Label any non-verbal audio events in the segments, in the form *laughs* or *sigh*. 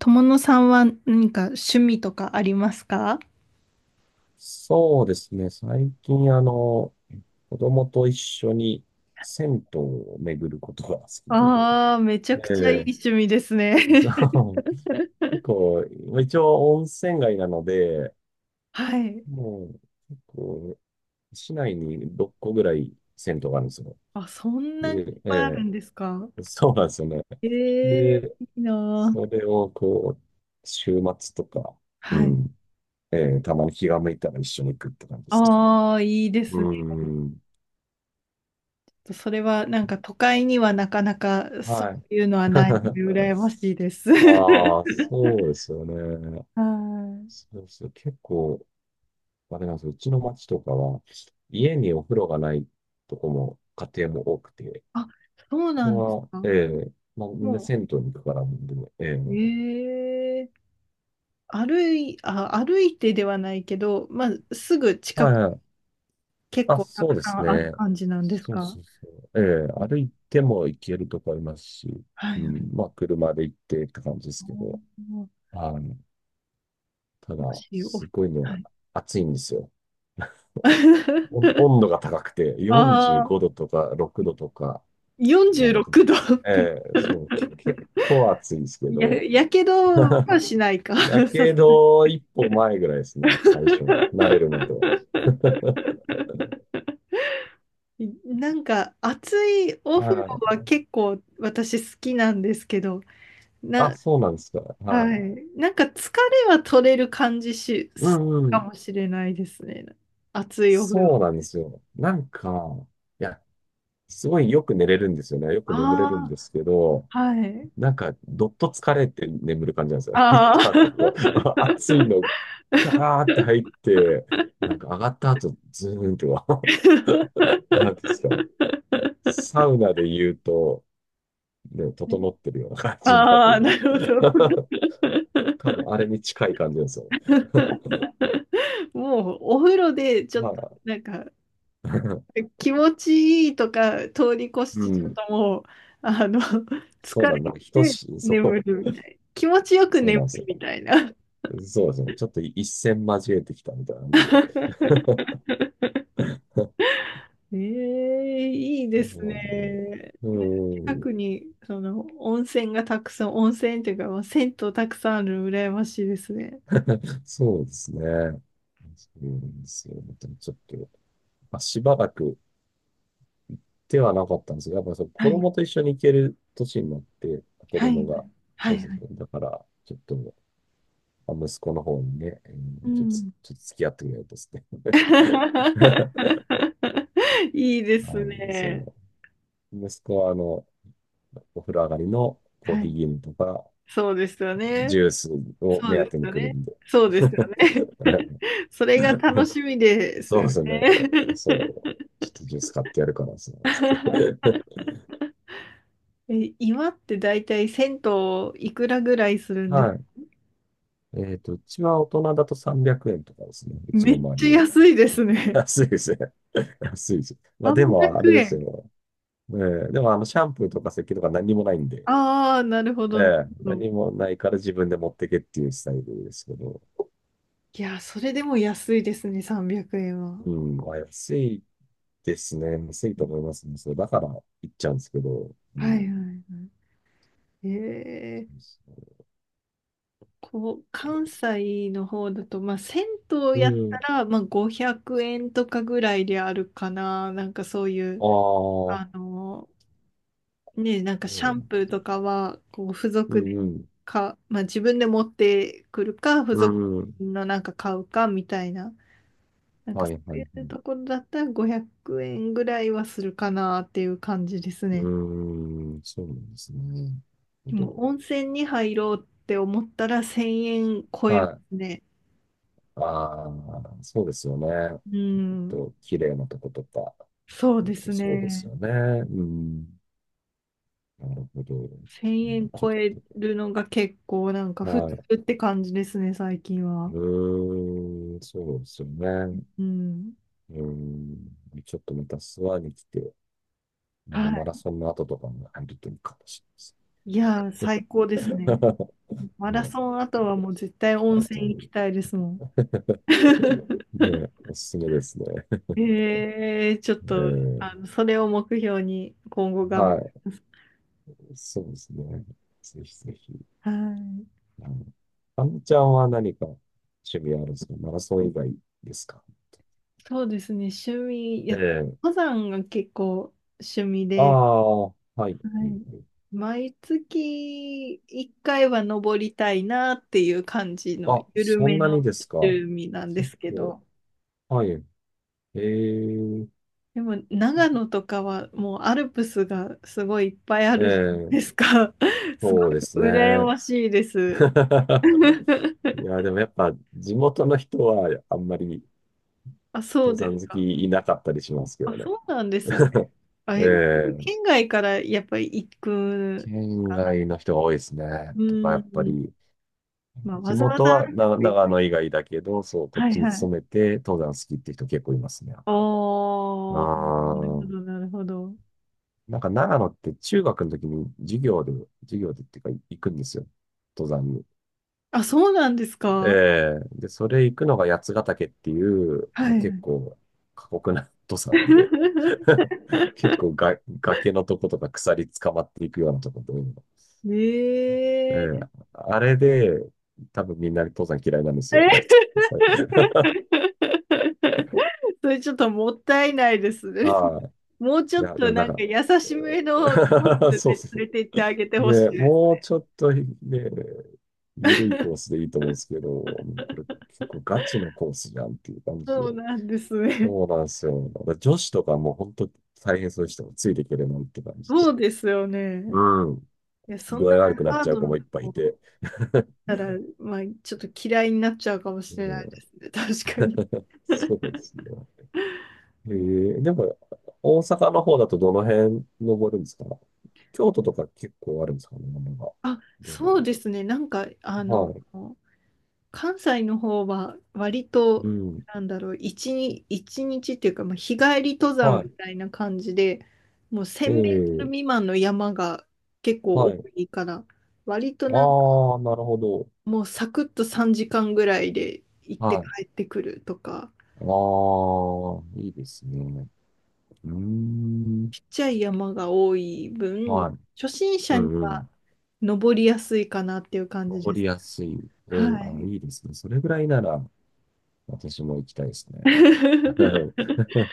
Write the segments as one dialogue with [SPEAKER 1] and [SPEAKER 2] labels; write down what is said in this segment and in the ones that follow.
[SPEAKER 1] 友野さんは何か趣味とかありますか？
[SPEAKER 2] そうですね。最近、子供と一緒に銭湯を巡ることが好きで。
[SPEAKER 1] ああ、めちゃくちゃいい
[SPEAKER 2] で、
[SPEAKER 1] 趣味ですね。
[SPEAKER 2] そ
[SPEAKER 1] *laughs*
[SPEAKER 2] う、結構、まあ一応温泉街なので、
[SPEAKER 1] はい。
[SPEAKER 2] もう、結構、市内に6個ぐらい銭湯があるんですよ。
[SPEAKER 1] あ、そんなに
[SPEAKER 2] で、
[SPEAKER 1] いっぱいある
[SPEAKER 2] え
[SPEAKER 1] んですか？
[SPEAKER 2] え、そうなんですよね。
[SPEAKER 1] ええ
[SPEAKER 2] で、
[SPEAKER 1] ーいいな
[SPEAKER 2] そ
[SPEAKER 1] ー。
[SPEAKER 2] れをこう、週末とか、う
[SPEAKER 1] はい。
[SPEAKER 2] ん、ええ、たまに気が向いたら一緒に行くって感じですね。
[SPEAKER 1] ああ、いいですね。
[SPEAKER 2] うん。
[SPEAKER 1] それはなんか都会にはなかなかそ
[SPEAKER 2] はい。
[SPEAKER 1] ういうのはないので
[SPEAKER 2] *laughs*
[SPEAKER 1] 羨ましいです。*laughs* は
[SPEAKER 2] ああ、そうですよね。
[SPEAKER 1] い。
[SPEAKER 2] そうですよ。結構、あれなんですよ。うちの町とかは、家にお風呂がないとこも、家庭も多くて、
[SPEAKER 1] あ、そうなんです
[SPEAKER 2] ま
[SPEAKER 1] か。
[SPEAKER 2] ええまあ、みんな
[SPEAKER 1] も
[SPEAKER 2] 銭湯に行くからなんで、え
[SPEAKER 1] う、
[SPEAKER 2] え
[SPEAKER 1] ええー歩いてではないけど、まあ、すぐ近
[SPEAKER 2] はい
[SPEAKER 1] く
[SPEAKER 2] はい。
[SPEAKER 1] 結
[SPEAKER 2] あ、
[SPEAKER 1] 構た
[SPEAKER 2] そう
[SPEAKER 1] く
[SPEAKER 2] で
[SPEAKER 1] さ
[SPEAKER 2] す
[SPEAKER 1] んある
[SPEAKER 2] ね。
[SPEAKER 1] 感じなんです
[SPEAKER 2] そう
[SPEAKER 1] か？
[SPEAKER 2] そうそう。え
[SPEAKER 1] う
[SPEAKER 2] え歩
[SPEAKER 1] ん、
[SPEAKER 2] いても行けるとこありますし、
[SPEAKER 1] は
[SPEAKER 2] う
[SPEAKER 1] い。
[SPEAKER 2] ん、まあ、車で行ってって感じで
[SPEAKER 1] あ
[SPEAKER 2] す
[SPEAKER 1] ー
[SPEAKER 2] けど、
[SPEAKER 1] も
[SPEAKER 2] あの、ただ、
[SPEAKER 1] し、お、
[SPEAKER 2] すごいの
[SPEAKER 1] は
[SPEAKER 2] が
[SPEAKER 1] い。
[SPEAKER 2] 暑いんですよ。温度が高くて、
[SPEAKER 1] *laughs*
[SPEAKER 2] 45
[SPEAKER 1] ああ、
[SPEAKER 2] 度とか6度とか、
[SPEAKER 1] 46
[SPEAKER 2] なんで、
[SPEAKER 1] 度。*laughs*
[SPEAKER 2] ええそう、結構暑いですけ
[SPEAKER 1] や、
[SPEAKER 2] ど、
[SPEAKER 1] やけどはしないか。
[SPEAKER 2] や
[SPEAKER 1] *laughs* さす
[SPEAKER 2] け
[SPEAKER 1] が。
[SPEAKER 2] ど一歩前ぐらいですね、最初の、慣れるまでは。
[SPEAKER 1] *laughs* なんか暑いお風呂
[SPEAKER 2] は
[SPEAKER 1] は
[SPEAKER 2] い。
[SPEAKER 1] 結構私好きなんですけど、
[SPEAKER 2] あ、
[SPEAKER 1] な、
[SPEAKER 2] そうなんですか。は
[SPEAKER 1] は
[SPEAKER 2] い。
[SPEAKER 1] い。なんか疲れは取れる感じし、
[SPEAKER 2] う
[SPEAKER 1] す
[SPEAKER 2] ん
[SPEAKER 1] る
[SPEAKER 2] う
[SPEAKER 1] か
[SPEAKER 2] ん。
[SPEAKER 1] もしれないですね。暑いお風呂。
[SPEAKER 2] そうなんですよ。なんか、いや、すごいよく寝れるんですよね。よく眠れるん
[SPEAKER 1] あ、
[SPEAKER 2] ですけど、
[SPEAKER 1] はい。
[SPEAKER 2] なんか、どっと疲れて眠る感じなんですよ。*laughs* 行っ
[SPEAKER 1] あ
[SPEAKER 2] た後
[SPEAKER 1] あ。
[SPEAKER 2] は、*laughs* 暑いの、ガーって入って、なんか上がった後、ズーンとは、*laughs*
[SPEAKER 1] *laughs*
[SPEAKER 2] なんですかね、サウナで言うと、ね、整ってるような感じになる
[SPEAKER 1] ああ、
[SPEAKER 2] よ
[SPEAKER 1] なるほ
[SPEAKER 2] う
[SPEAKER 1] ど。
[SPEAKER 2] な。*laughs* 多分、あれに近い感じですよ。*laughs*
[SPEAKER 1] もうお風呂でちょっ
[SPEAKER 2] ま
[SPEAKER 1] と
[SPEAKER 2] あ、
[SPEAKER 1] なんか
[SPEAKER 2] *laughs*
[SPEAKER 1] 気持ちいいとか通り越し
[SPEAKER 2] う
[SPEAKER 1] てちょっ
[SPEAKER 2] ん、
[SPEAKER 1] ともうあの
[SPEAKER 2] そう
[SPEAKER 1] 疲
[SPEAKER 2] なん
[SPEAKER 1] れ
[SPEAKER 2] だ。なんか等
[SPEAKER 1] て
[SPEAKER 2] しい、そ
[SPEAKER 1] 眠る
[SPEAKER 2] う、
[SPEAKER 1] みたい。気持ちよく
[SPEAKER 2] そう
[SPEAKER 1] 眠
[SPEAKER 2] なんです
[SPEAKER 1] る
[SPEAKER 2] よ。
[SPEAKER 1] みたいな。
[SPEAKER 2] そうですね。ちょっと一線交えてきたみたいな感じで。
[SPEAKER 1] ええ、いいですね。
[SPEAKER 2] う
[SPEAKER 1] なんか
[SPEAKER 2] ん、
[SPEAKER 1] 近
[SPEAKER 2] うん
[SPEAKER 1] くに、その、温泉がたくさん、温泉っていうか、まあ、銭湯たくさんあるの羨ましいですね。
[SPEAKER 2] そうですね。そうなんですよ。でもちょっと、まあ、しばらく手はなかったんですが、やっぱりそう
[SPEAKER 1] は
[SPEAKER 2] 子
[SPEAKER 1] い、
[SPEAKER 2] 供と一緒に行ける年になって、子
[SPEAKER 1] は
[SPEAKER 2] 供
[SPEAKER 1] い、
[SPEAKER 2] が、
[SPEAKER 1] は
[SPEAKER 2] そ
[SPEAKER 1] い、
[SPEAKER 2] うそう
[SPEAKER 1] はい。
[SPEAKER 2] そう。だから、ちょっと、まあ息子の方にね、
[SPEAKER 1] う
[SPEAKER 2] ちょっと、
[SPEAKER 1] ん。
[SPEAKER 2] ちょっと付き合ってくれると *laughs* ですね。*laughs*
[SPEAKER 1] *laughs* いいですね。
[SPEAKER 2] そう。息子は、お風呂上がりのコー
[SPEAKER 1] は
[SPEAKER 2] ヒー
[SPEAKER 1] い。
[SPEAKER 2] 牛乳とか、
[SPEAKER 1] そうですよね。
[SPEAKER 2] ジュースを
[SPEAKER 1] そう
[SPEAKER 2] 目当
[SPEAKER 1] で
[SPEAKER 2] て
[SPEAKER 1] す
[SPEAKER 2] に
[SPEAKER 1] よ
[SPEAKER 2] 来る
[SPEAKER 1] ね。
[SPEAKER 2] んで。
[SPEAKER 1] そうです
[SPEAKER 2] *laughs*
[SPEAKER 1] よね。*laughs* それが楽しみです
[SPEAKER 2] そ
[SPEAKER 1] よ
[SPEAKER 2] うですね。
[SPEAKER 1] ね。
[SPEAKER 2] そう。ちょっとジュース買ってやるから、そうですね。
[SPEAKER 1] *laughs* え、今って大体銭湯いくらぐらいするんです？
[SPEAKER 2] はい。うちは大人だと300円とかですね。うち
[SPEAKER 1] め
[SPEAKER 2] の
[SPEAKER 1] っ
[SPEAKER 2] 周り
[SPEAKER 1] ち
[SPEAKER 2] は。
[SPEAKER 1] ゃ安いです
[SPEAKER 2] *laughs*
[SPEAKER 1] ね。
[SPEAKER 2] 安いですね。*laughs* 安いです。
[SPEAKER 1] *laughs*
[SPEAKER 2] まあで
[SPEAKER 1] 300
[SPEAKER 2] も、あれです
[SPEAKER 1] 円。
[SPEAKER 2] よ。ええでも、シャンプーとか石鹸とか何もないんで、
[SPEAKER 1] ああ、なるほ
[SPEAKER 2] え
[SPEAKER 1] ど、なる
[SPEAKER 2] え
[SPEAKER 1] ほど。
[SPEAKER 2] 何もないから自分で持ってけっていうスタイルですけど、
[SPEAKER 1] いや、それでも安いですね、300円は。
[SPEAKER 2] うん、まあ、安いですね。安いと思いますね。そう、だから行っちゃうんですけど、う
[SPEAKER 1] はいは
[SPEAKER 2] ん。
[SPEAKER 1] いはい。え
[SPEAKER 2] そう
[SPEAKER 1] ー、
[SPEAKER 2] そ
[SPEAKER 1] こう、関西の方だと、まあ、銭湯
[SPEAKER 2] うう
[SPEAKER 1] やった
[SPEAKER 2] ん。
[SPEAKER 1] ら、まあ、500円とかぐらいであるかな。なんかそうい
[SPEAKER 2] あ
[SPEAKER 1] う、
[SPEAKER 2] あ、そ
[SPEAKER 1] あの、ね、なんか
[SPEAKER 2] う
[SPEAKER 1] シ
[SPEAKER 2] な
[SPEAKER 1] ャ
[SPEAKER 2] ん
[SPEAKER 1] ン
[SPEAKER 2] で
[SPEAKER 1] プ
[SPEAKER 2] す
[SPEAKER 1] ーと
[SPEAKER 2] よ。
[SPEAKER 1] かは、こう、付
[SPEAKER 2] う
[SPEAKER 1] 属で
[SPEAKER 2] ん、
[SPEAKER 1] か、まあ、自分で持ってくるか、付
[SPEAKER 2] う
[SPEAKER 1] 属
[SPEAKER 2] ん、うん。
[SPEAKER 1] のなんか買うかみたいな、なんか
[SPEAKER 2] は
[SPEAKER 1] そ
[SPEAKER 2] い、
[SPEAKER 1] う
[SPEAKER 2] はい、
[SPEAKER 1] い
[SPEAKER 2] は
[SPEAKER 1] う
[SPEAKER 2] い。
[SPEAKER 1] ところだったら500円ぐらいはするかなっていう感じです
[SPEAKER 2] う
[SPEAKER 1] ね。
[SPEAKER 2] ーん、そうなんですね。なるほ
[SPEAKER 1] でも
[SPEAKER 2] ど。
[SPEAKER 1] 温泉に入ろうって思ったら1000円超え
[SPEAKER 2] は
[SPEAKER 1] ます
[SPEAKER 2] い。
[SPEAKER 1] ね。
[SPEAKER 2] ああ、そうですよね。
[SPEAKER 1] う
[SPEAKER 2] ちょ
[SPEAKER 1] ん、
[SPEAKER 2] っと、綺麗なとことか。
[SPEAKER 1] そう
[SPEAKER 2] ほん
[SPEAKER 1] で
[SPEAKER 2] と
[SPEAKER 1] す
[SPEAKER 2] そうです
[SPEAKER 1] ね。
[SPEAKER 2] よね。うん。なるほど。うん、
[SPEAKER 1] 1000円
[SPEAKER 2] ちょっ
[SPEAKER 1] 超えるのが結構なんか
[SPEAKER 2] と、
[SPEAKER 1] 普通
[SPEAKER 2] はい。
[SPEAKER 1] って感じですね、最近は。
[SPEAKER 2] うーん、そうですよね。
[SPEAKER 1] うん。
[SPEAKER 2] うん。ちょっとまた諏訪に来て、
[SPEAKER 1] は
[SPEAKER 2] マラ
[SPEAKER 1] い。
[SPEAKER 2] ソンの後とかも入るといいかもし
[SPEAKER 1] いやー、最
[SPEAKER 2] れないです
[SPEAKER 1] 高ですね。
[SPEAKER 2] *laughs*
[SPEAKER 1] マラ
[SPEAKER 2] ね、
[SPEAKER 1] ソン
[SPEAKER 2] ち
[SPEAKER 1] 後はもう絶対温
[SPEAKER 2] ょっと、後
[SPEAKER 1] 泉行
[SPEAKER 2] に。
[SPEAKER 1] きたいですもん。*laughs*
[SPEAKER 2] *laughs* ね、おすすめですね。
[SPEAKER 1] ちょっ
[SPEAKER 2] え
[SPEAKER 1] と、
[SPEAKER 2] ー、
[SPEAKER 1] あの、それを目標に今後頑張
[SPEAKER 2] はい、
[SPEAKER 1] ります。
[SPEAKER 2] そうですね。ぜひぜひ。
[SPEAKER 1] はい。
[SPEAKER 2] うん。あのちゃんは何か趣味あるんですか？マラソン以外ですか？
[SPEAKER 1] そうですね、趣味、い
[SPEAKER 2] え
[SPEAKER 1] や、
[SPEAKER 2] え。
[SPEAKER 1] 登山が結構趣味
[SPEAKER 2] あ
[SPEAKER 1] で、
[SPEAKER 2] あ、はい。はい
[SPEAKER 1] は
[SPEAKER 2] は
[SPEAKER 1] い。
[SPEAKER 2] い。
[SPEAKER 1] 毎月1回は登りたいなっていう感じの
[SPEAKER 2] あ、
[SPEAKER 1] 緩
[SPEAKER 2] そ
[SPEAKER 1] め
[SPEAKER 2] んな
[SPEAKER 1] の
[SPEAKER 2] にですか？
[SPEAKER 1] 趣味なんですけ
[SPEAKER 2] お、
[SPEAKER 1] ど、
[SPEAKER 2] はい。ええ、
[SPEAKER 1] でも長野とかはもうアルプスがすごいいっぱいあ
[SPEAKER 2] え
[SPEAKER 1] るじゃない
[SPEAKER 2] え、
[SPEAKER 1] ですか。*laughs* す
[SPEAKER 2] そうです
[SPEAKER 1] ごい羨
[SPEAKER 2] ね。
[SPEAKER 1] ましいです。*laughs*
[SPEAKER 2] *laughs* いや、でもやっぱ地元の人はあんまり
[SPEAKER 1] あ、そう
[SPEAKER 2] 登
[SPEAKER 1] です
[SPEAKER 2] 山好
[SPEAKER 1] か。
[SPEAKER 2] きいなかったりしますけ
[SPEAKER 1] あ、
[SPEAKER 2] どね。
[SPEAKER 1] そうなんですね。あ、
[SPEAKER 2] え
[SPEAKER 1] え
[SPEAKER 2] え、
[SPEAKER 1] 県外からやっぱり行く
[SPEAKER 2] 県
[SPEAKER 1] かな。
[SPEAKER 2] 外の人が多いですね。
[SPEAKER 1] う
[SPEAKER 2] とか、やっぱ
[SPEAKER 1] ん。
[SPEAKER 2] り
[SPEAKER 1] まあ、わ
[SPEAKER 2] 地
[SPEAKER 1] ざわ
[SPEAKER 2] 元
[SPEAKER 1] ざ
[SPEAKER 2] は
[SPEAKER 1] 歩く
[SPEAKER 2] な
[SPEAKER 1] て行
[SPEAKER 2] 長
[SPEAKER 1] く。
[SPEAKER 2] 野以外だけど、そう、こっ
[SPEAKER 1] はい
[SPEAKER 2] ちに
[SPEAKER 1] は
[SPEAKER 2] 勤
[SPEAKER 1] い。
[SPEAKER 2] めて登山好きって人結構いますね、やっぱ。
[SPEAKER 1] ああ、なる
[SPEAKER 2] あ
[SPEAKER 1] ほ
[SPEAKER 2] あ、
[SPEAKER 1] ど、なるほど。
[SPEAKER 2] なんか長野って中学の時に授業で、授業でっていうか行くんですよ。登山に。
[SPEAKER 1] あ、そうなんです
[SPEAKER 2] え
[SPEAKER 1] か。
[SPEAKER 2] えで、それ行くのが八ヶ岳っていう、
[SPEAKER 1] は
[SPEAKER 2] まあ、
[SPEAKER 1] い。
[SPEAKER 2] 結構過酷な登山で、
[SPEAKER 1] *laughs*
[SPEAKER 2] *laughs* 結構が崖のとことか鎖捕まっていくようなとこで、え
[SPEAKER 1] ええ
[SPEAKER 2] え
[SPEAKER 1] え
[SPEAKER 2] あれで多分みんな登山嫌いなんですよ、大体。*laughs* は
[SPEAKER 1] *laughs*
[SPEAKER 2] い。
[SPEAKER 1] それちょっともったいないです
[SPEAKER 2] *laughs*
[SPEAKER 1] ね。
[SPEAKER 2] あ、
[SPEAKER 1] もうち
[SPEAKER 2] い
[SPEAKER 1] ょっ
[SPEAKER 2] や、で
[SPEAKER 1] と
[SPEAKER 2] もなん
[SPEAKER 1] なんか
[SPEAKER 2] か、
[SPEAKER 1] 優しめのコース
[SPEAKER 2] うん、 *laughs*
[SPEAKER 1] で
[SPEAKER 2] そう
[SPEAKER 1] 連
[SPEAKER 2] そ
[SPEAKER 1] れて行ってあげて
[SPEAKER 2] う。
[SPEAKER 1] ほし
[SPEAKER 2] ね、
[SPEAKER 1] いです。
[SPEAKER 2] もうちょっとね、ゆるいコース
[SPEAKER 1] *laughs*
[SPEAKER 2] でいいと思うんですけど、これ結構ガチのコースじゃんっていう感じ
[SPEAKER 1] そ
[SPEAKER 2] で。
[SPEAKER 1] うなんですね。
[SPEAKER 2] そうなんですよ。だから女子とかもう本当大変そうでしたもんついていけるなんて感じで。
[SPEAKER 1] そうですよね。
[SPEAKER 2] うん。
[SPEAKER 1] いや、そ
[SPEAKER 2] 具
[SPEAKER 1] んな
[SPEAKER 2] 合悪くなっ
[SPEAKER 1] ハ
[SPEAKER 2] ち
[SPEAKER 1] ー
[SPEAKER 2] ゃう
[SPEAKER 1] ド
[SPEAKER 2] 子
[SPEAKER 1] な
[SPEAKER 2] もいっ
[SPEAKER 1] と
[SPEAKER 2] ぱいい
[SPEAKER 1] こ
[SPEAKER 2] て。*laughs* ね
[SPEAKER 1] だったら、まあ、ちょっと嫌いになっちゃうかもしれないです
[SPEAKER 2] え、
[SPEAKER 1] ね。*laughs* 確かに。
[SPEAKER 2] そう
[SPEAKER 1] *laughs*
[SPEAKER 2] ですね。え
[SPEAKER 1] うん、
[SPEAKER 2] でも、大阪の方だとどの辺登るんですか？京都とか結構あるんですかね、山が。
[SPEAKER 1] あ、
[SPEAKER 2] どうな
[SPEAKER 1] そ
[SPEAKER 2] ん
[SPEAKER 1] う
[SPEAKER 2] だ
[SPEAKER 1] ですね。なんか、あの、
[SPEAKER 2] ろう。はい。
[SPEAKER 1] 関西の方は割
[SPEAKER 2] う
[SPEAKER 1] と、
[SPEAKER 2] ん。
[SPEAKER 1] なんだろう、一日っていうか、まあ、日帰り登山み
[SPEAKER 2] は
[SPEAKER 1] たいな感じで、もう
[SPEAKER 2] い。え
[SPEAKER 1] 1000メートル
[SPEAKER 2] え、
[SPEAKER 1] 未満の山が結構
[SPEAKER 2] は
[SPEAKER 1] 多
[SPEAKER 2] い。
[SPEAKER 1] いから、割となんか
[SPEAKER 2] ああ、なるほど。
[SPEAKER 1] もうサクッと3時間ぐらいで行って
[SPEAKER 2] はい。
[SPEAKER 1] 帰ってくるとか、
[SPEAKER 2] ああ、いいですね。うーん。
[SPEAKER 1] ちっちゃい山が多い分、
[SPEAKER 2] はい。
[SPEAKER 1] 初心者
[SPEAKER 2] う
[SPEAKER 1] に
[SPEAKER 2] んう
[SPEAKER 1] は
[SPEAKER 2] ん。
[SPEAKER 1] 登りやすいかなっていう感じで
[SPEAKER 2] 登り
[SPEAKER 1] す。
[SPEAKER 2] やすい。ええ、
[SPEAKER 1] は
[SPEAKER 2] あ、
[SPEAKER 1] い。
[SPEAKER 2] いいですね。それぐらいなら、私も行きたいですね。
[SPEAKER 1] *laughs*
[SPEAKER 2] *laughs*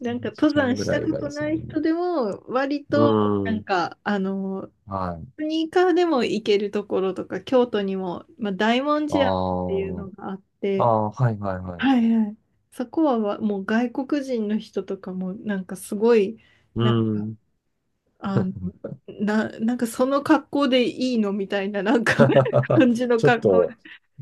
[SPEAKER 1] なんか登
[SPEAKER 2] 時
[SPEAKER 1] 山
[SPEAKER 2] 間ぐ
[SPEAKER 1] した
[SPEAKER 2] らい
[SPEAKER 1] こ
[SPEAKER 2] が
[SPEAKER 1] と
[SPEAKER 2] ですよ
[SPEAKER 1] ない
[SPEAKER 2] ね。
[SPEAKER 1] 人でも割
[SPEAKER 2] う
[SPEAKER 1] とな
[SPEAKER 2] ー
[SPEAKER 1] ん
[SPEAKER 2] ん。
[SPEAKER 1] かあの
[SPEAKER 2] はい。
[SPEAKER 1] スニーカーでも行けるところとか京都にも、まあ、大文
[SPEAKER 2] あ
[SPEAKER 1] 字山って
[SPEAKER 2] あ、
[SPEAKER 1] いうのがあって、
[SPEAKER 2] あー、はいはいはい。
[SPEAKER 1] はいはい、そこはわもう外国人の人とかもなんかすごい、
[SPEAKER 2] うー
[SPEAKER 1] なんか、
[SPEAKER 2] ん。
[SPEAKER 1] あの、なんかその格好でいいのみたいな、なんか *laughs* 感
[SPEAKER 2] *laughs*
[SPEAKER 1] じの
[SPEAKER 2] ちょっ
[SPEAKER 1] 格好、
[SPEAKER 2] と、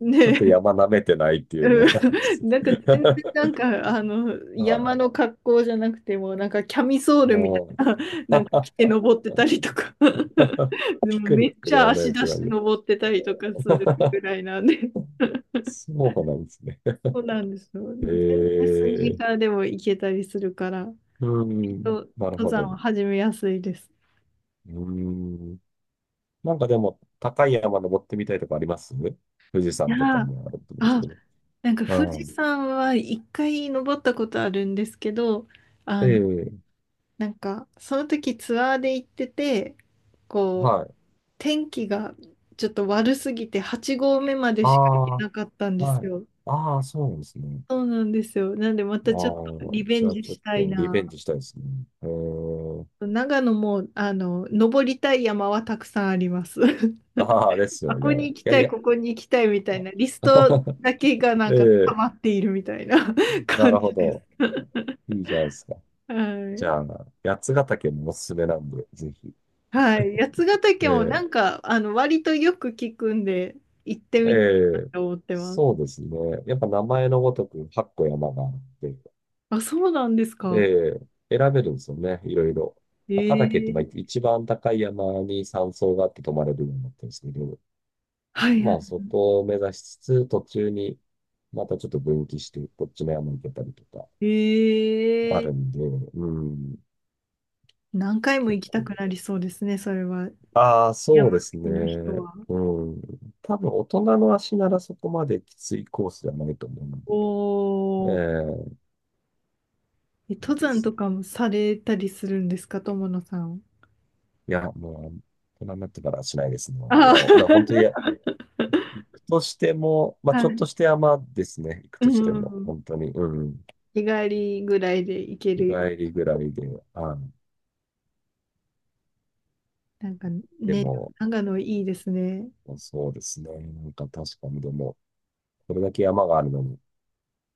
[SPEAKER 1] ね
[SPEAKER 2] ちょっと
[SPEAKER 1] え、
[SPEAKER 2] 山舐めてないってい
[SPEAKER 1] う
[SPEAKER 2] うのもあるんです。
[SPEAKER 1] ん、なんか全然な
[SPEAKER 2] *laughs*
[SPEAKER 1] んかあの
[SPEAKER 2] あ
[SPEAKER 1] 山
[SPEAKER 2] あ、
[SPEAKER 1] の格好じゃなくてもなんかキャミソールみた
[SPEAKER 2] も、
[SPEAKER 1] いな、なんか着
[SPEAKER 2] *laughs*
[SPEAKER 1] て登ってたりとか *laughs* で
[SPEAKER 2] ピ
[SPEAKER 1] も
[SPEAKER 2] ク
[SPEAKER 1] め
[SPEAKER 2] ニッ
[SPEAKER 1] っ
[SPEAKER 2] ク
[SPEAKER 1] ち
[SPEAKER 2] で
[SPEAKER 1] ゃ
[SPEAKER 2] あれ
[SPEAKER 1] 足
[SPEAKER 2] っ
[SPEAKER 1] 出
[SPEAKER 2] て
[SPEAKER 1] し
[SPEAKER 2] 感
[SPEAKER 1] て
[SPEAKER 2] じ。
[SPEAKER 1] 登ってたりとかする
[SPEAKER 2] *laughs*
[SPEAKER 1] ぐらいなんで。
[SPEAKER 2] そうなんですね。
[SPEAKER 1] そうなんですよ。全
[SPEAKER 2] え
[SPEAKER 1] 然スニー
[SPEAKER 2] え
[SPEAKER 1] カーでも行けたりするから、
[SPEAKER 2] う
[SPEAKER 1] きっ
[SPEAKER 2] ん、
[SPEAKER 1] と
[SPEAKER 2] なる
[SPEAKER 1] 登
[SPEAKER 2] ほ
[SPEAKER 1] 山
[SPEAKER 2] ど。
[SPEAKER 1] は始めやすいです。
[SPEAKER 2] うん。なんかでも、高い山登ってみたいとかあります？富士
[SPEAKER 1] い
[SPEAKER 2] 山
[SPEAKER 1] や
[SPEAKER 2] とか
[SPEAKER 1] ー、
[SPEAKER 2] もあると思うんです
[SPEAKER 1] あ、
[SPEAKER 2] けど。
[SPEAKER 1] なんか富
[SPEAKER 2] う
[SPEAKER 1] 士
[SPEAKER 2] ん。
[SPEAKER 1] 山は一回登ったことあるんですけど、あの、
[SPEAKER 2] ええ、
[SPEAKER 1] なんかその時ツアーで行ってて、こう、
[SPEAKER 2] はい。
[SPEAKER 1] 天気がちょっと悪すぎて8合目まで
[SPEAKER 2] あ
[SPEAKER 1] しか行けなかったん
[SPEAKER 2] あ、
[SPEAKER 1] です
[SPEAKER 2] はい。
[SPEAKER 1] よ。
[SPEAKER 2] ああ、そうなんですね。
[SPEAKER 1] そうなんですよ。なんでま
[SPEAKER 2] あ
[SPEAKER 1] たちょっと
[SPEAKER 2] あ、
[SPEAKER 1] リベ
[SPEAKER 2] じ
[SPEAKER 1] ン
[SPEAKER 2] ゃあ
[SPEAKER 1] ジ
[SPEAKER 2] ちょっ
[SPEAKER 1] したい
[SPEAKER 2] とリベ
[SPEAKER 1] な。
[SPEAKER 2] ンジしたいですね。ええ
[SPEAKER 1] 長野も、あの、登りたい山はたくさんあります。*laughs*
[SPEAKER 2] ああ、です
[SPEAKER 1] あ、
[SPEAKER 2] よ
[SPEAKER 1] こ
[SPEAKER 2] ね。
[SPEAKER 1] こに行き
[SPEAKER 2] いやい
[SPEAKER 1] たい、
[SPEAKER 2] や。
[SPEAKER 1] ここに行きたいみたいな、リストだけがなんか溜
[SPEAKER 2] *laughs* ええ、
[SPEAKER 1] まっているみたいな *laughs*
[SPEAKER 2] な
[SPEAKER 1] 感
[SPEAKER 2] るほ
[SPEAKER 1] じです。
[SPEAKER 2] ど。
[SPEAKER 1] *laughs*
[SPEAKER 2] いいじゃないですか。
[SPEAKER 1] は
[SPEAKER 2] じ
[SPEAKER 1] い。
[SPEAKER 2] ゃあ、八ヶ岳もおすすめなんで、ぜひ。
[SPEAKER 1] はい。八ヶ岳もな
[SPEAKER 2] え
[SPEAKER 1] んか、あの、割とよく聞くんで、行って
[SPEAKER 2] ええ
[SPEAKER 1] みたいな
[SPEAKER 2] え、
[SPEAKER 1] と思ってま
[SPEAKER 2] そう
[SPEAKER 1] す。
[SPEAKER 2] ですね。やっぱ名前のごとく8個山があって、
[SPEAKER 1] あ、そうなんです
[SPEAKER 2] え
[SPEAKER 1] か。
[SPEAKER 2] え選べるんですよね、いろいろ。
[SPEAKER 1] え
[SPEAKER 2] 赤岳ってまあ
[SPEAKER 1] ー、
[SPEAKER 2] 一番高い山に山荘があって泊まれるようになってるんですけど、
[SPEAKER 1] はい
[SPEAKER 2] ま
[SPEAKER 1] は
[SPEAKER 2] あそこを目指しつつ、途中にまたちょっと分岐して、こっちの山に行けたりとか
[SPEAKER 1] い。
[SPEAKER 2] ある
[SPEAKER 1] ええ、
[SPEAKER 2] んで、うん、
[SPEAKER 1] 何回も
[SPEAKER 2] 結
[SPEAKER 1] 行きたく
[SPEAKER 2] 構
[SPEAKER 1] なりそうですね、それは。
[SPEAKER 2] ああ、そ
[SPEAKER 1] 山
[SPEAKER 2] う
[SPEAKER 1] 好
[SPEAKER 2] です
[SPEAKER 1] きの人
[SPEAKER 2] ね。
[SPEAKER 1] は。
[SPEAKER 2] うん。多分、大人の足ならそこまできついコースではないと思うので。
[SPEAKER 1] おー。
[SPEAKER 2] ええ、
[SPEAKER 1] え、
[SPEAKER 2] いい
[SPEAKER 1] 登
[SPEAKER 2] で
[SPEAKER 1] 山
[SPEAKER 2] す
[SPEAKER 1] と
[SPEAKER 2] ね。
[SPEAKER 1] かもされたりするんですか、友野さん。
[SPEAKER 2] いや、もう、大人になってからはしないですね。い
[SPEAKER 1] あ
[SPEAKER 2] や、だから本当に、い
[SPEAKER 1] ー。
[SPEAKER 2] や
[SPEAKER 1] *laughs*
[SPEAKER 2] 行くとしても、まあ、
[SPEAKER 1] は
[SPEAKER 2] ちょっ
[SPEAKER 1] い。
[SPEAKER 2] として山ですね。行く
[SPEAKER 1] う
[SPEAKER 2] としても、
[SPEAKER 1] ん。
[SPEAKER 2] 本当に。うん。
[SPEAKER 1] 日帰りぐらいで行け
[SPEAKER 2] 日
[SPEAKER 1] るよ。
[SPEAKER 2] 帰りぐらいで、あ
[SPEAKER 1] なんか、
[SPEAKER 2] で
[SPEAKER 1] ね、
[SPEAKER 2] も、
[SPEAKER 1] 長野いいですね。
[SPEAKER 2] そうですね。なんか確かに、でも、これだけ山があるのに、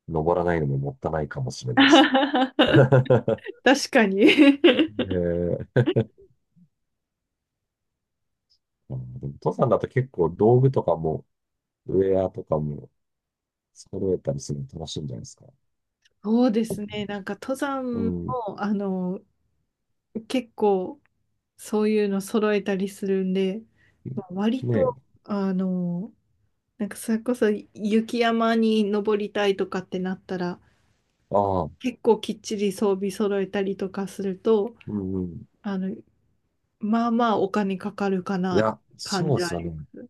[SPEAKER 2] 登らないのももったいないかもしれないですね。*laughs*
[SPEAKER 1] *laughs* 確かに。 *laughs*
[SPEAKER 2] ええ、あー、でも登山だと結構道具とかも、ウェアとかも揃えたりするの楽しいんじゃないですか？
[SPEAKER 1] そうですね。なんか登
[SPEAKER 2] う
[SPEAKER 1] 山
[SPEAKER 2] ん。
[SPEAKER 1] も、あの、結構そういうの揃えたりするんで、まあ割
[SPEAKER 2] ねえ。
[SPEAKER 1] と、あの、なんかそれこそ雪山に登りたいとかってなったら、
[SPEAKER 2] ああ、
[SPEAKER 1] 結構きっちり装備揃えたりとかすると、
[SPEAKER 2] うんうん。
[SPEAKER 1] あの、まあまあお金かかるか
[SPEAKER 2] い
[SPEAKER 1] な、
[SPEAKER 2] や、
[SPEAKER 1] 感
[SPEAKER 2] そう
[SPEAKER 1] じ
[SPEAKER 2] で
[SPEAKER 1] は
[SPEAKER 2] す
[SPEAKER 1] あ
[SPEAKER 2] よ
[SPEAKER 1] り
[SPEAKER 2] ね。
[SPEAKER 1] ます。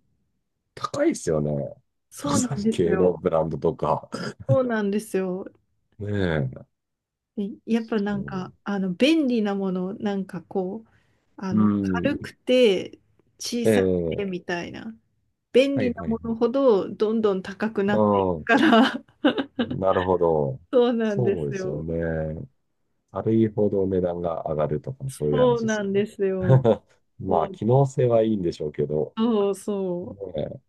[SPEAKER 2] 高いですよね。
[SPEAKER 1] そう
[SPEAKER 2] 登
[SPEAKER 1] な
[SPEAKER 2] 山
[SPEAKER 1] んです
[SPEAKER 2] 系の
[SPEAKER 1] よ。
[SPEAKER 2] ブランドとか。*laughs*
[SPEAKER 1] そうなんですよ。
[SPEAKER 2] ねえ。
[SPEAKER 1] いやっぱな
[SPEAKER 2] う
[SPEAKER 1] んか、
[SPEAKER 2] ん。
[SPEAKER 1] あの、便利なもの、なんかこう、あ
[SPEAKER 2] う
[SPEAKER 1] の、軽
[SPEAKER 2] ん
[SPEAKER 1] くて小
[SPEAKER 2] え
[SPEAKER 1] さくて
[SPEAKER 2] え。
[SPEAKER 1] みたいな。便
[SPEAKER 2] は
[SPEAKER 1] 利
[SPEAKER 2] い
[SPEAKER 1] な
[SPEAKER 2] はい
[SPEAKER 1] も
[SPEAKER 2] は
[SPEAKER 1] のほ
[SPEAKER 2] い。
[SPEAKER 1] どどんどん高くなっていく
[SPEAKER 2] う
[SPEAKER 1] から。
[SPEAKER 2] ん。なるほど。
[SPEAKER 1] *laughs* そうなん
[SPEAKER 2] そ
[SPEAKER 1] で
[SPEAKER 2] う
[SPEAKER 1] す
[SPEAKER 2] ですよ
[SPEAKER 1] よ。
[SPEAKER 2] ね。軽いほど値段が上がるとか、そういう
[SPEAKER 1] そ
[SPEAKER 2] 話
[SPEAKER 1] う
[SPEAKER 2] です
[SPEAKER 1] な
[SPEAKER 2] よ
[SPEAKER 1] ん
[SPEAKER 2] ね。
[SPEAKER 1] ですよ。
[SPEAKER 2] *laughs* ま
[SPEAKER 1] も
[SPEAKER 2] あ、
[SPEAKER 1] う、
[SPEAKER 2] 機能性はいいんでしょうけど。
[SPEAKER 1] そうそ
[SPEAKER 2] ね、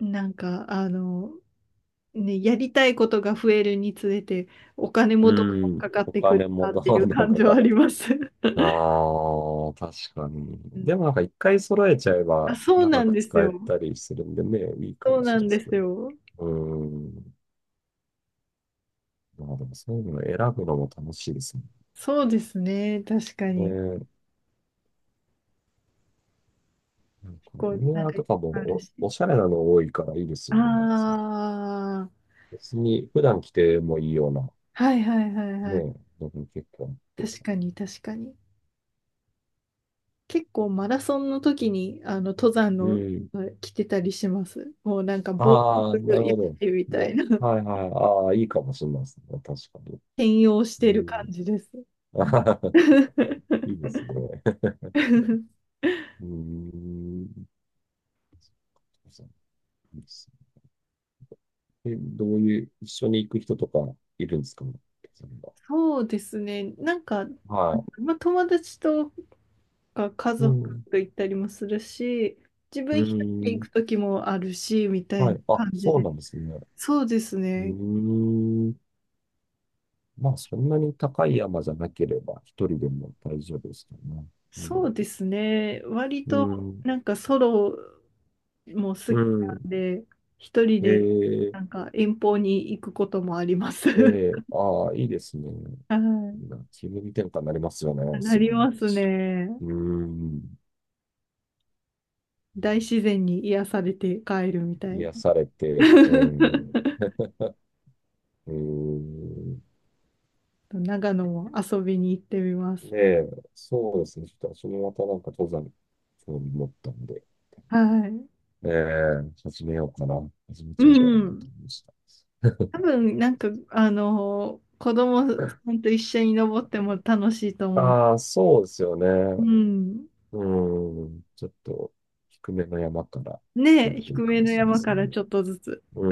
[SPEAKER 1] う。なんか、あの、ね、やりたいことが増えるにつれて、お金も
[SPEAKER 2] う
[SPEAKER 1] どんどん
[SPEAKER 2] ん。
[SPEAKER 1] かかっ
[SPEAKER 2] お
[SPEAKER 1] てく
[SPEAKER 2] 金
[SPEAKER 1] る
[SPEAKER 2] も
[SPEAKER 1] なっ
[SPEAKER 2] ど
[SPEAKER 1] ていう
[SPEAKER 2] んどん
[SPEAKER 1] 感じ
[SPEAKER 2] か
[SPEAKER 1] は
[SPEAKER 2] か
[SPEAKER 1] あ
[SPEAKER 2] っ
[SPEAKER 1] り
[SPEAKER 2] て。
[SPEAKER 1] ます。*laughs*
[SPEAKER 2] ああ、確かに。
[SPEAKER 1] うん、
[SPEAKER 2] でもなんか一回揃えちゃえ
[SPEAKER 1] あ、
[SPEAKER 2] ば
[SPEAKER 1] そうな
[SPEAKER 2] 長
[SPEAKER 1] ん
[SPEAKER 2] く
[SPEAKER 1] です
[SPEAKER 2] 使え
[SPEAKER 1] よ。
[SPEAKER 2] たりするんでね、いいか
[SPEAKER 1] そう
[SPEAKER 2] もし
[SPEAKER 1] な
[SPEAKER 2] れない
[SPEAKER 1] ん
[SPEAKER 2] で
[SPEAKER 1] で
[SPEAKER 2] すけ
[SPEAKER 1] す
[SPEAKER 2] ど。
[SPEAKER 1] よ。
[SPEAKER 2] うん。まあでもそういうの選ぶのも楽しいですね。
[SPEAKER 1] そうですね。確か
[SPEAKER 2] ね
[SPEAKER 1] に。
[SPEAKER 2] え、なんか
[SPEAKER 1] こ
[SPEAKER 2] ウ
[SPEAKER 1] う、な
[SPEAKER 2] ェ
[SPEAKER 1] ん
[SPEAKER 2] ア
[SPEAKER 1] か、
[SPEAKER 2] とかも
[SPEAKER 1] あるし。
[SPEAKER 2] おしゃれなの多いからいいです
[SPEAKER 1] あ
[SPEAKER 2] よね。そう
[SPEAKER 1] あ、
[SPEAKER 2] 別に普段着てもいいような、
[SPEAKER 1] はいはいはい
[SPEAKER 2] ね
[SPEAKER 1] はい。
[SPEAKER 2] え、のも結構あって。
[SPEAKER 1] 確かに確かに。結構マラソンの時に、あの、登山
[SPEAKER 2] う
[SPEAKER 1] の、
[SPEAKER 2] ん。
[SPEAKER 1] 着てたりします。もうなんか、防
[SPEAKER 2] ああ、な
[SPEAKER 1] 具
[SPEAKER 2] る
[SPEAKER 1] やっ
[SPEAKER 2] ほど。
[SPEAKER 1] てみたい
[SPEAKER 2] も
[SPEAKER 1] な。
[SPEAKER 2] う、
[SPEAKER 1] *laughs*
[SPEAKER 2] はいはい。ああ、いいかもしれないですね。確かに。
[SPEAKER 1] 転用し
[SPEAKER 2] う
[SPEAKER 1] てる感
[SPEAKER 2] ん。
[SPEAKER 1] じです。
[SPEAKER 2] *laughs* あはは、いいですね。
[SPEAKER 1] *laughs*
[SPEAKER 2] うーん。そうですねえ、どういう、一緒に行く人とかいるんですか？そんな、
[SPEAKER 1] そうですね。なんか、
[SPEAKER 2] は
[SPEAKER 1] まあ、友達とか家
[SPEAKER 2] い。う
[SPEAKER 1] 族
[SPEAKER 2] ん。
[SPEAKER 1] と行ったりもするし、自
[SPEAKER 2] う
[SPEAKER 1] 分一人で
[SPEAKER 2] ー
[SPEAKER 1] 行く
[SPEAKER 2] ん。
[SPEAKER 1] 時もあるし、みたい
[SPEAKER 2] は
[SPEAKER 1] な
[SPEAKER 2] い。あ、
[SPEAKER 1] 感じ
[SPEAKER 2] そう
[SPEAKER 1] で。
[SPEAKER 2] なんですね。
[SPEAKER 1] そうです
[SPEAKER 2] う
[SPEAKER 1] ね。
[SPEAKER 2] ーん。まあ、そんなに高い山じゃなければ、一人でも大丈夫ですかね。う
[SPEAKER 1] そ
[SPEAKER 2] ん。
[SPEAKER 1] うですね。割
[SPEAKER 2] う
[SPEAKER 1] と
[SPEAKER 2] ん。
[SPEAKER 1] なんかソロも
[SPEAKER 2] う
[SPEAKER 1] 好きな
[SPEAKER 2] ん。
[SPEAKER 1] んで、一人
[SPEAKER 2] え
[SPEAKER 1] で
[SPEAKER 2] ー、
[SPEAKER 1] なんか遠方に行くこともあります。*laughs*
[SPEAKER 2] ああ、いいですね。な
[SPEAKER 1] は
[SPEAKER 2] 気分転換になりますよ
[SPEAKER 1] い。
[SPEAKER 2] ね、
[SPEAKER 1] な
[SPEAKER 2] すぐ
[SPEAKER 1] り
[SPEAKER 2] に。
[SPEAKER 1] ますね。
[SPEAKER 2] うーん。
[SPEAKER 1] 大自然に癒されて帰るみたいな。
[SPEAKER 2] 癒されて、
[SPEAKER 1] *laughs*
[SPEAKER 2] うーん、
[SPEAKER 1] 長野も遊びに行ってみます。
[SPEAKER 2] で、そうですね。ちょっと私もまたなんか登山興味持ったんで、
[SPEAKER 1] はい。
[SPEAKER 2] 始めようかな。始め
[SPEAKER 1] う
[SPEAKER 2] ちゃおうかなと
[SPEAKER 1] ん。
[SPEAKER 2] 思いました。
[SPEAKER 1] 多分、なんか、あの、子供さんと一緒に登っても楽しいと思う。
[SPEAKER 2] ああー、そうですよ
[SPEAKER 1] う
[SPEAKER 2] ね。
[SPEAKER 1] ん。
[SPEAKER 2] うん、ちょっと低めの山からや
[SPEAKER 1] ねえ、
[SPEAKER 2] るとい
[SPEAKER 1] 低
[SPEAKER 2] いか
[SPEAKER 1] め
[SPEAKER 2] も
[SPEAKER 1] の
[SPEAKER 2] しれないで
[SPEAKER 1] 山
[SPEAKER 2] す
[SPEAKER 1] か
[SPEAKER 2] ね。
[SPEAKER 1] らちょっとずつ。
[SPEAKER 2] う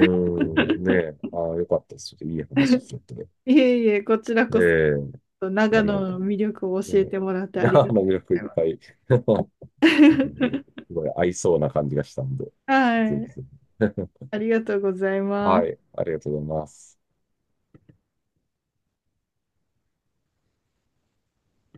[SPEAKER 2] ん、ねえ、ああ、よかったです。ちょっといい話聞けて。
[SPEAKER 1] いえいえ、こちら
[SPEAKER 2] え
[SPEAKER 1] こそ、
[SPEAKER 2] え、あ
[SPEAKER 1] 長
[SPEAKER 2] りが
[SPEAKER 1] 野
[SPEAKER 2] と
[SPEAKER 1] の魅力を
[SPEAKER 2] う。
[SPEAKER 1] 教え
[SPEAKER 2] ね
[SPEAKER 1] てもらってあ
[SPEAKER 2] え、*laughs*
[SPEAKER 1] り
[SPEAKER 2] あ
[SPEAKER 1] がとう
[SPEAKER 2] の魅力い
[SPEAKER 1] ござ
[SPEAKER 2] っ
[SPEAKER 1] いま
[SPEAKER 2] ぱ
[SPEAKER 1] す。
[SPEAKER 2] い。*laughs* なるほど、
[SPEAKER 1] *laughs*
[SPEAKER 2] すごい合いそうな感じがしたんで、
[SPEAKER 1] は
[SPEAKER 2] ぜひ
[SPEAKER 1] い、
[SPEAKER 2] ぜひ。
[SPEAKER 1] ありがとうございま
[SPEAKER 2] は
[SPEAKER 1] す。
[SPEAKER 2] い、ありがとうございます。